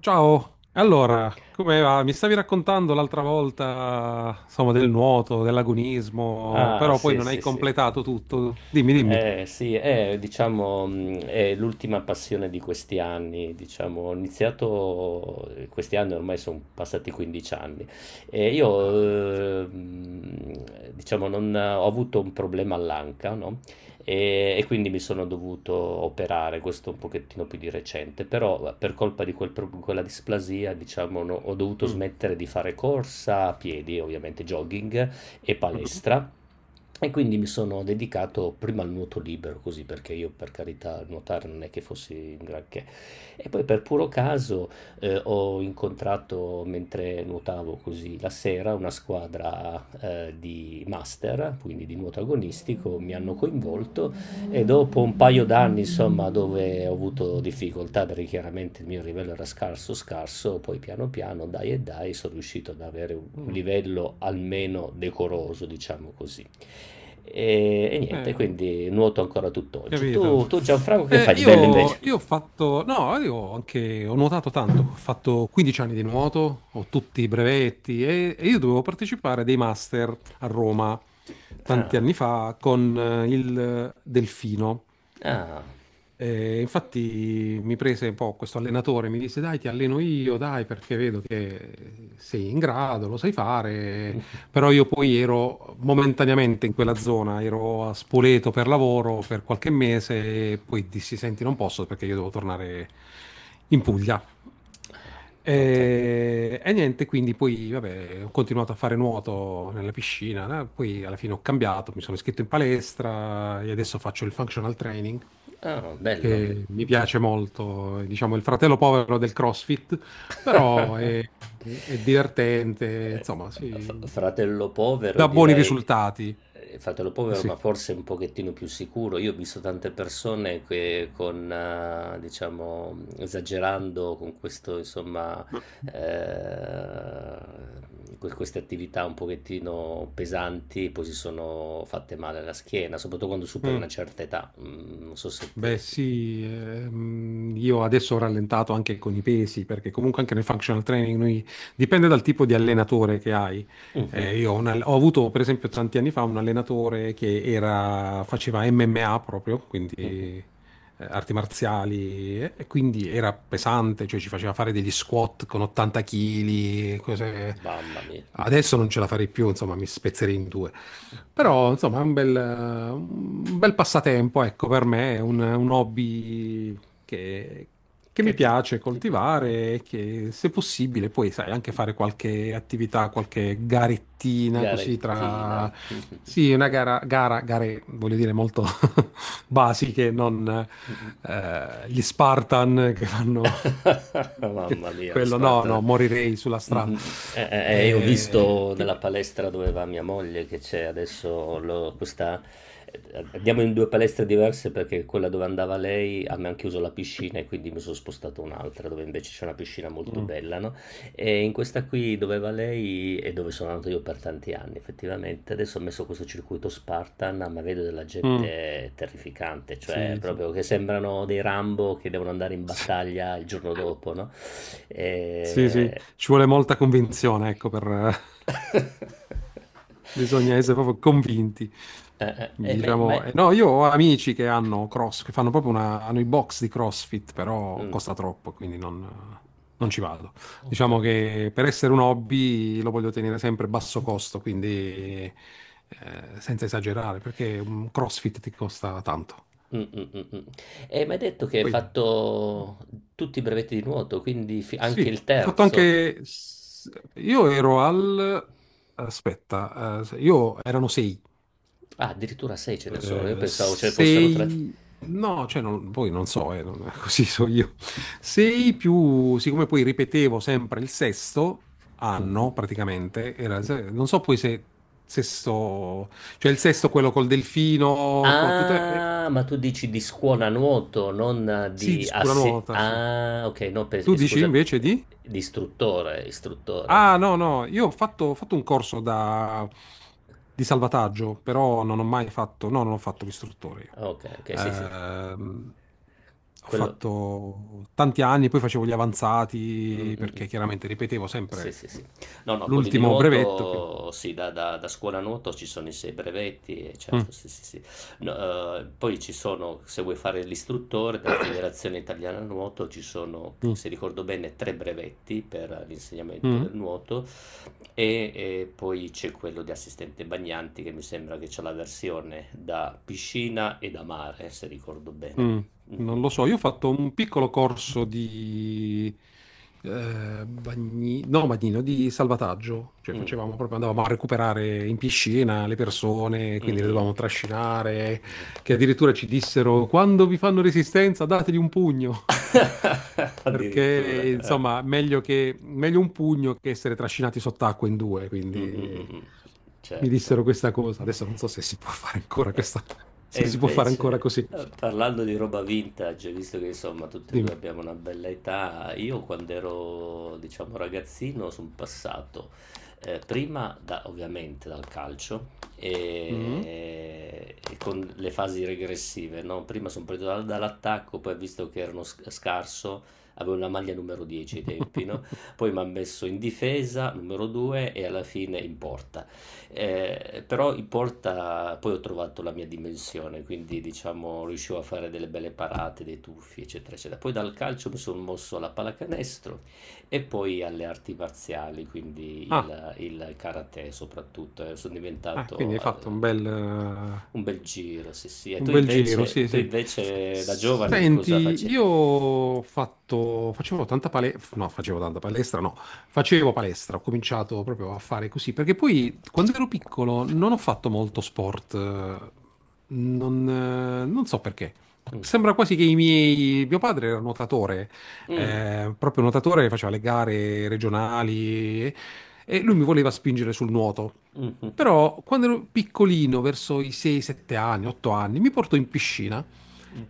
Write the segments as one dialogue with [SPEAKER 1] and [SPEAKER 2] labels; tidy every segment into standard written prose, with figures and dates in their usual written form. [SPEAKER 1] Ciao, allora, come va? Mi stavi raccontando l'altra volta, insomma, del nuoto, dell'agonismo,
[SPEAKER 2] Ah,
[SPEAKER 1] però poi
[SPEAKER 2] sì,
[SPEAKER 1] non hai
[SPEAKER 2] sì, sì.
[SPEAKER 1] completato tutto. Dimmi, dimmi.
[SPEAKER 2] Sì, è, diciamo, è l'ultima passione di questi anni, diciamo, questi anni ormai sono passati 15 anni e
[SPEAKER 1] Ah, beh.
[SPEAKER 2] io, diciamo, non, ho avuto un problema all'anca, no? E quindi mi sono dovuto operare, questo un pochettino più di recente, però per colpa di quella displasia, diciamo, no, ho dovuto
[SPEAKER 1] Mm.
[SPEAKER 2] smettere di fare corsa a piedi, ovviamente jogging, e
[SPEAKER 1] Mhm.
[SPEAKER 2] palestra. E quindi mi sono dedicato prima al nuoto libero, così perché io per carità nuotare non è che fossi in granché. E poi per puro caso ho incontrato mentre nuotavo così la sera una squadra di master, quindi di nuoto agonistico, mi hanno coinvolto e dopo un paio d'anni, insomma, dove ho avuto difficoltà perché chiaramente il mio livello era scarso, scarso, poi piano piano, dai e dai, sono riuscito ad avere un
[SPEAKER 1] Mm.
[SPEAKER 2] livello almeno decoroso, diciamo così. E niente,
[SPEAKER 1] Eh,
[SPEAKER 2] quindi nuoto ancora tutt'oggi.
[SPEAKER 1] Capito.
[SPEAKER 2] Tu Gianfranco, che fai di bello
[SPEAKER 1] Io,
[SPEAKER 2] invece?
[SPEAKER 1] io ho fatto, no, io ho anche, ho nuotato tanto, ho fatto 15 anni di nuoto, ho tutti i brevetti e io dovevo partecipare a dei master a Roma tanti
[SPEAKER 2] Ah,
[SPEAKER 1] anni fa con il Delfino.
[SPEAKER 2] ah,
[SPEAKER 1] E infatti mi prese un po' questo allenatore, mi disse dai, ti alleno io, dai, perché vedo che sei in grado, lo sai fare, però io poi ero momentaneamente in quella zona, ero a Spoleto per lavoro per qualche mese e poi dissi senti, non posso perché io devo tornare in Puglia.
[SPEAKER 2] ah, ok.
[SPEAKER 1] E niente, quindi poi vabbè, ho continuato a fare nuoto nella piscina, poi alla fine ho cambiato, mi sono iscritto in palestra e adesso faccio il functional training
[SPEAKER 2] Ah, bello.
[SPEAKER 1] che mi piace molto, è, diciamo il fratello povero del CrossFit, però è divertente, insomma, sì,
[SPEAKER 2] Fratello povero,
[SPEAKER 1] dà buoni
[SPEAKER 2] direi,
[SPEAKER 1] risultati.
[SPEAKER 2] fratello povero,
[SPEAKER 1] Sì.
[SPEAKER 2] ma forse un pochettino più sicuro. Io ho visto tante persone che con, diciamo, esagerando con questo, insomma, eh, queste attività un pochettino pesanti, poi si sono fatte male alla schiena, soprattutto quando superi
[SPEAKER 1] Mm.
[SPEAKER 2] una certa età. Non so se
[SPEAKER 1] Beh
[SPEAKER 2] te...
[SPEAKER 1] sì, io adesso ho rallentato anche con i pesi, perché comunque anche nel functional training dipende dal tipo di allenatore che hai.
[SPEAKER 2] Mhm.
[SPEAKER 1] Io ho, ho avuto per esempio tanti anni fa un allenatore che faceva MMA proprio, quindi arti marziali, e quindi era pesante, cioè ci faceva fare degli squat con 80 kg, cose...
[SPEAKER 2] Mamma mia,
[SPEAKER 1] Adesso non ce la farei più, insomma mi spezzerei in due. Però, insomma, è un bel passatempo, ecco, per me, è un hobby che, che
[SPEAKER 2] che
[SPEAKER 1] mi
[SPEAKER 2] ti,
[SPEAKER 1] piace
[SPEAKER 2] ti piace?
[SPEAKER 1] coltivare e che, se possibile, poi, sai, anche fare qualche attività, qualche garettina, così
[SPEAKER 2] Garettina.
[SPEAKER 1] tra... Sì, una gare, voglio dire, molto basiche, non gli Spartan che fanno
[SPEAKER 2] Mamma mia, gli
[SPEAKER 1] quello, no, no,
[SPEAKER 2] Spartan.
[SPEAKER 1] morirei sulla strada.
[SPEAKER 2] Mh-mh. Io ho
[SPEAKER 1] Eh,
[SPEAKER 2] visto nella
[SPEAKER 1] quindi...
[SPEAKER 2] palestra dove va mia moglie che c'è adesso questa. eh, Andiamo in due palestre diverse perché quella dove andava lei a me hanno chiuso la piscina e quindi mi sono spostato un'altra dove invece c'è una piscina molto
[SPEAKER 1] Mm.
[SPEAKER 2] bella, no? E in questa qui dove va lei e dove sono andato io per tanti anni, effettivamente. Adesso ho messo questo circuito Spartan, ma vedo della
[SPEAKER 1] Mm,
[SPEAKER 2] gente terrificante, cioè
[SPEAKER 1] sì, sì,
[SPEAKER 2] proprio che sembrano dei Rambo che devono andare in battaglia il giorno dopo, no? E...
[SPEAKER 1] sì, sì, ci vuole molta convinzione, ecco, per... bisogna essere proprio convinti,
[SPEAKER 2] Eh, eh, ma,
[SPEAKER 1] diciamo.
[SPEAKER 2] ma-
[SPEAKER 1] No, io ho amici che hanno cross, che fanno proprio una... hanno i box di CrossFit, però
[SPEAKER 2] mm,
[SPEAKER 1] costa troppo, quindi non, non ci vado.
[SPEAKER 2] ho
[SPEAKER 1] Diciamo
[SPEAKER 2] capito.
[SPEAKER 1] che per essere un hobby lo voglio tenere sempre a basso costo, quindi senza esagerare, perché un CrossFit ti costa tanto.
[SPEAKER 2] Mm, mm, mm, mm. E mi hai detto che hai
[SPEAKER 1] Poi...
[SPEAKER 2] fatto tutti i brevetti di nuoto, quindi anche
[SPEAKER 1] Sì,
[SPEAKER 2] il
[SPEAKER 1] ho fatto
[SPEAKER 2] terzo.
[SPEAKER 1] anche... io ero al... Aspetta, io erano sei.
[SPEAKER 2] Ah, addirittura 6 ce ne sono, io
[SPEAKER 1] Eh,
[SPEAKER 2] pensavo ce ne fossero 3.
[SPEAKER 1] sei... No, cioè, non, poi non so, così so io. Sei più... Siccome poi ripetevo sempre il sesto
[SPEAKER 2] Mh-mh.
[SPEAKER 1] anno, praticamente, era il se- non so poi se sesto... Cioè il sesto quello col delfino, con tutte...
[SPEAKER 2] Ah, ma tu dici di scuola nuoto, non
[SPEAKER 1] sì, di
[SPEAKER 2] di
[SPEAKER 1] sicura
[SPEAKER 2] asse
[SPEAKER 1] nuota, sì.
[SPEAKER 2] ah, okay, no pens
[SPEAKER 1] Tu
[SPEAKER 2] e
[SPEAKER 1] dici
[SPEAKER 2] scusa,
[SPEAKER 1] invece di?
[SPEAKER 2] di istruttore, istruttore
[SPEAKER 1] Ah,
[SPEAKER 2] ist
[SPEAKER 1] no, no, io ho fatto un corso di salvataggio, però non ho mai fatto, no, non ho fatto l'istruttore io.
[SPEAKER 2] okay, okay, sì, sì.
[SPEAKER 1] Ehm, ho
[SPEAKER 2] Quello.
[SPEAKER 1] fatto tanti anni, poi facevo gli avanzati,
[SPEAKER 2] Mh-mh-mh.
[SPEAKER 1] perché chiaramente ripetevo
[SPEAKER 2] Sì, sì,
[SPEAKER 1] sempre
[SPEAKER 2] sì. No, no, quelli di
[SPEAKER 1] l'ultimo brevetto. Quindi-
[SPEAKER 2] nuoto sì, da scuola nuoto ci sono i sei brevetti e certo,
[SPEAKER 1] Mm,
[SPEAKER 2] sì, sì, sì. No, poi ci sono, se vuoi fare l'istruttore della Federazione Italiana Nuoto, ci sono, c
[SPEAKER 1] mm,
[SPEAKER 2] se ricordo bene, 3 brevetti per l'insegnamento
[SPEAKER 1] mm.
[SPEAKER 2] del nuoto e poi c'è quello di assistente bagnanti che mi sembra che c'ha la versione da piscina e da mare, se ricordo bene.
[SPEAKER 1] Mm, non lo so,
[SPEAKER 2] Mh-mh.
[SPEAKER 1] io ho fatto un piccolo corso di no, bagnino, di salvataggio, cioè
[SPEAKER 2] Mh.
[SPEAKER 1] facevamo proprio, andavamo a recuperare in piscina le persone, quindi le
[SPEAKER 2] Mh-mh.
[SPEAKER 1] dovevamo trascinare, che addirittura ci dissero, quando vi fanno resistenza, dategli un pugno.
[SPEAKER 2] Addirittura,
[SPEAKER 1] Perché,
[SPEAKER 2] eh.
[SPEAKER 1] insomma, meglio un pugno che essere trascinati sott'acqua in due,
[SPEAKER 2] Mh, mh,
[SPEAKER 1] quindi
[SPEAKER 2] mh, mh.
[SPEAKER 1] mi
[SPEAKER 2] Certo.
[SPEAKER 1] dissero questa cosa. Adesso non so se si può fare ancora
[SPEAKER 2] E,
[SPEAKER 1] questa,
[SPEAKER 2] e
[SPEAKER 1] se si può fare ancora
[SPEAKER 2] invece,
[SPEAKER 1] così.
[SPEAKER 2] parlando di roba vintage, visto che insomma tutti e due
[SPEAKER 1] Dimmi.
[SPEAKER 2] abbiamo una bella età, io quando ero, diciamo, ragazzino sono passato prima ovviamente dal calcio
[SPEAKER 1] Mm.
[SPEAKER 2] e con le fasi regressive, no? Prima sono partito dall'attacco, poi visto che erano scarso, avevo una maglia numero 10 ai tempi, no? Poi mi ha messo in difesa, numero 2 e alla fine in porta. Però in porta poi ho trovato la mia dimensione, quindi diciamo riuscivo a fare delle belle parate, dei tuffi, eccetera, eccetera. Poi dal calcio mi sono mosso alla pallacanestro e poi alle arti marziali, quindi
[SPEAKER 1] Ah,
[SPEAKER 2] il karate soprattutto. Sono
[SPEAKER 1] quindi
[SPEAKER 2] diventato
[SPEAKER 1] hai
[SPEAKER 2] eh,
[SPEAKER 1] fatto
[SPEAKER 2] un bel giro, sì, sì. E
[SPEAKER 1] un
[SPEAKER 2] tu
[SPEAKER 1] bel giro,
[SPEAKER 2] invece, e
[SPEAKER 1] sì,
[SPEAKER 2] tu
[SPEAKER 1] sì.
[SPEAKER 2] invece da giovane che cosa
[SPEAKER 1] Senti,
[SPEAKER 2] facevi?
[SPEAKER 1] io ho fatto, facevo tanta palestra, no, facevo palestra, ho cominciato proprio a fare così, perché poi quando ero piccolo non ho fatto molto sport, non so perché. Sembra quasi che i miei, mio padre era nuotatore,
[SPEAKER 2] Mm,
[SPEAKER 1] proprio nuotatore, faceva le gare regionali e lui mi voleva spingere sul nuoto.
[SPEAKER 2] mhm.
[SPEAKER 1] Però quando ero piccolino, verso i 6-7 anni, 8 anni, mi portò in piscina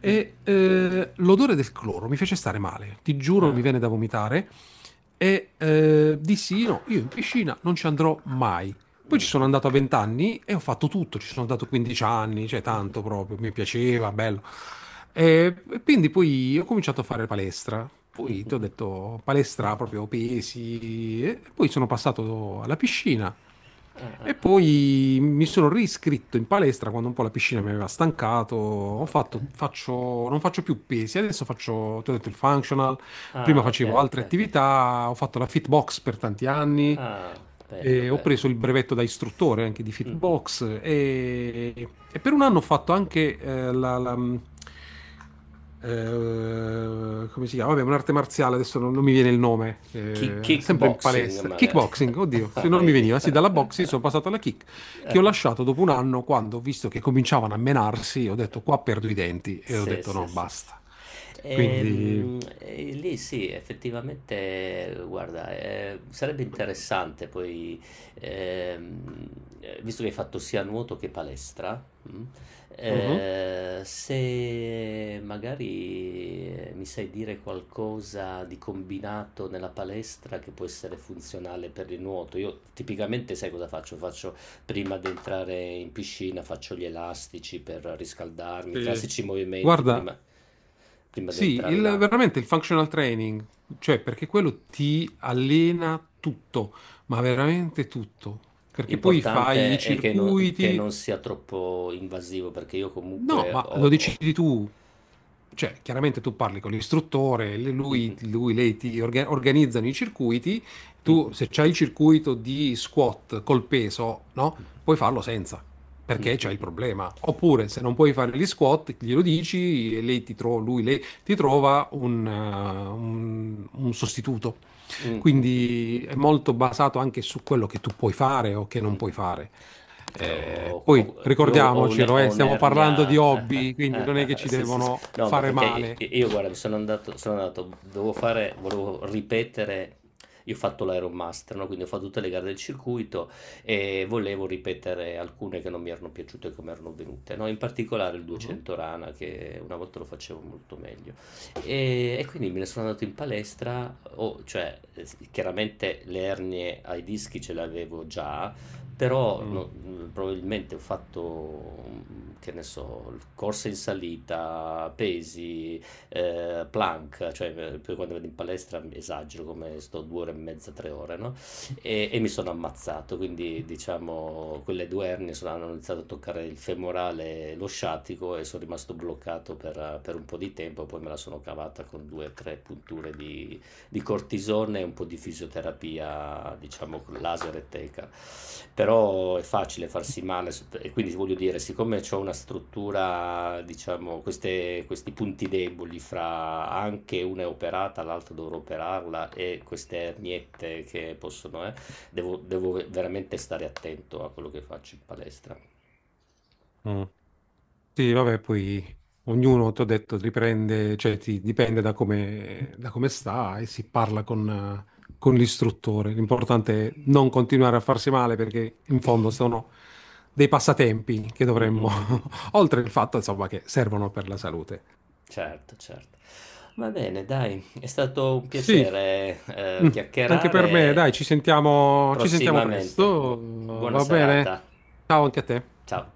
[SPEAKER 1] e l'odore del cloro mi fece stare male. Ti giuro, mi
[SPEAKER 2] Ah,
[SPEAKER 1] viene da vomitare. E dissi: No, io in piscina non ci andrò mai. Poi ci sono andato a 20 anni e ho fatto tutto. Ci sono andato 15 anni, cioè tanto proprio, mi piaceva, bello. E quindi poi ho cominciato a fare palestra. Poi ti ho detto palestra, proprio pesi. E poi sono passato alla piscina. E poi mi sono riscritto in palestra quando un po' la piscina mi aveva stancato. Ho
[SPEAKER 2] ok.
[SPEAKER 1] fatto, non faccio più pesi, adesso faccio, ti ho detto, il functional. Prima
[SPEAKER 2] Ah, ok,
[SPEAKER 1] facevo
[SPEAKER 2] ok,
[SPEAKER 1] altre
[SPEAKER 2] ok.
[SPEAKER 1] attività, ho fatto la fitbox per tanti anni,
[SPEAKER 2] Ah, bello,
[SPEAKER 1] e ho
[SPEAKER 2] bello.
[SPEAKER 1] preso il brevetto da istruttore anche di
[SPEAKER 2] Mm.
[SPEAKER 1] Fitbox e per un anno ho fatto anche come si chiama? Vabbè, un'arte marziale, adesso non, non mi viene il nome, sempre in
[SPEAKER 2] Kickboxing
[SPEAKER 1] palestra.
[SPEAKER 2] magari.
[SPEAKER 1] Kickboxing, oddio, se non mi
[SPEAKER 2] Vedi?
[SPEAKER 1] veniva, sì, dalla boxing sono passato alla kick, che ho lasciato dopo un anno quando ho visto che cominciavano a menarsi, ho detto qua perdo i denti e ho
[SPEAKER 2] Sì,
[SPEAKER 1] detto
[SPEAKER 2] sì,
[SPEAKER 1] no,
[SPEAKER 2] sì, sì.
[SPEAKER 1] basta. Quindi...
[SPEAKER 2] E lì sì, effettivamente, guarda, sarebbe interessante poi, ehm, visto che hai fatto sia nuoto che palestra, mm,
[SPEAKER 1] Mhm,
[SPEAKER 2] se magari mi sai dire qualcosa di combinato nella palestra che può essere funzionale per il nuoto. Io tipicamente sai cosa faccio? Prima di entrare in piscina faccio gli elastici per riscaldarmi,
[SPEAKER 1] sì.
[SPEAKER 2] classici movimenti
[SPEAKER 1] Guarda,
[SPEAKER 2] prima, prima di
[SPEAKER 1] sì,
[SPEAKER 2] entrare in acqua.
[SPEAKER 1] veramente il functional training, cioè perché quello ti allena tutto, ma veramente tutto, perché poi fai i
[SPEAKER 2] L'importante è che non, che
[SPEAKER 1] circuiti,
[SPEAKER 2] non sia troppo invasivo perché io
[SPEAKER 1] no,
[SPEAKER 2] comunque
[SPEAKER 1] ma lo decidi tu, cioè chiaramente tu parli con l'istruttore, lui, lei ti organizzano i circuiti, tu se c'hai il circuito di squat col peso, no? Puoi farlo senza, perché c'hai il problema. Oppure se non puoi fare gli squat, glielo dici e lei ti lei ti trova un un sostituto.
[SPEAKER 2] ho...
[SPEAKER 1] Quindi è molto basato anche su quello che tu puoi fare o che non puoi fare.
[SPEAKER 2] Che ho,
[SPEAKER 1] Poi
[SPEAKER 2] ho- io ho, un-
[SPEAKER 1] ricordiamocelo,
[SPEAKER 2] ho
[SPEAKER 1] stiamo parlando di
[SPEAKER 2] un'ernia.
[SPEAKER 1] hobby, quindi non è che ci
[SPEAKER 2] Sì, sì, sì.
[SPEAKER 1] devono
[SPEAKER 2] No, ma
[SPEAKER 1] fare
[SPEAKER 2] perché
[SPEAKER 1] male.
[SPEAKER 2] io, guarda, sono andato, volevo ripetere. Io ho fatto l'Ironmaster, no? Quindi ho fatto tutte le gare del circuito e volevo ripetere alcune che non mi erano piaciute e come erano venute, no? In particolare il
[SPEAKER 1] Mhm.
[SPEAKER 2] 200 rana, che una volta lo facevo molto meglio. E quindi me ne sono andato in palestra, cioè chiaramente le ernie ai dischi ce le avevo già, però
[SPEAKER 1] Mm,
[SPEAKER 2] no, probabilmente ho fatto, che ne so, corse in salita, pesi, plank, cioè poi quando vado in palestra mi esagero come sto 2 ore e mezza, 3 ore, no? E mi sono ammazzato, quindi diciamo quelle due ernie hanno iniziato a toccare il femorale e lo sciatico e sono rimasto bloccato per un po' di tempo, poi me la sono cavata con due o tre punture di cortisone e un po' di fisioterapia, diciamo con laser e teca. Però è facile farsi male e quindi voglio dire, siccome ho una struttura, diciamo, questi punti deboli fra anche una è operata, l'altra dovrò operarla e queste erniette che possono, devo veramente stare attento a quello che faccio in palestra.
[SPEAKER 1] mm. Sì, vabbè, poi ognuno, ti ho detto, riprende, dipende da come, da come sta e si parla con l'istruttore. L'importante è non continuare a farsi male perché in fondo sono dei passatempi che
[SPEAKER 2] Mm, mm,
[SPEAKER 1] dovremmo,
[SPEAKER 2] mm, mm.
[SPEAKER 1] oltre il fatto, insomma, che servono per la salute.
[SPEAKER 2] Certo, certo. Va bene, dai, è stato un
[SPEAKER 1] Sì.
[SPEAKER 2] piacere,
[SPEAKER 1] Mm. Anche per me,
[SPEAKER 2] chiacchierare.
[SPEAKER 1] dai, ci sentiamo
[SPEAKER 2] Prossimamente.
[SPEAKER 1] presto,
[SPEAKER 2] Buona
[SPEAKER 1] va bene?
[SPEAKER 2] serata.
[SPEAKER 1] Ciao anche a te.
[SPEAKER 2] Ciao.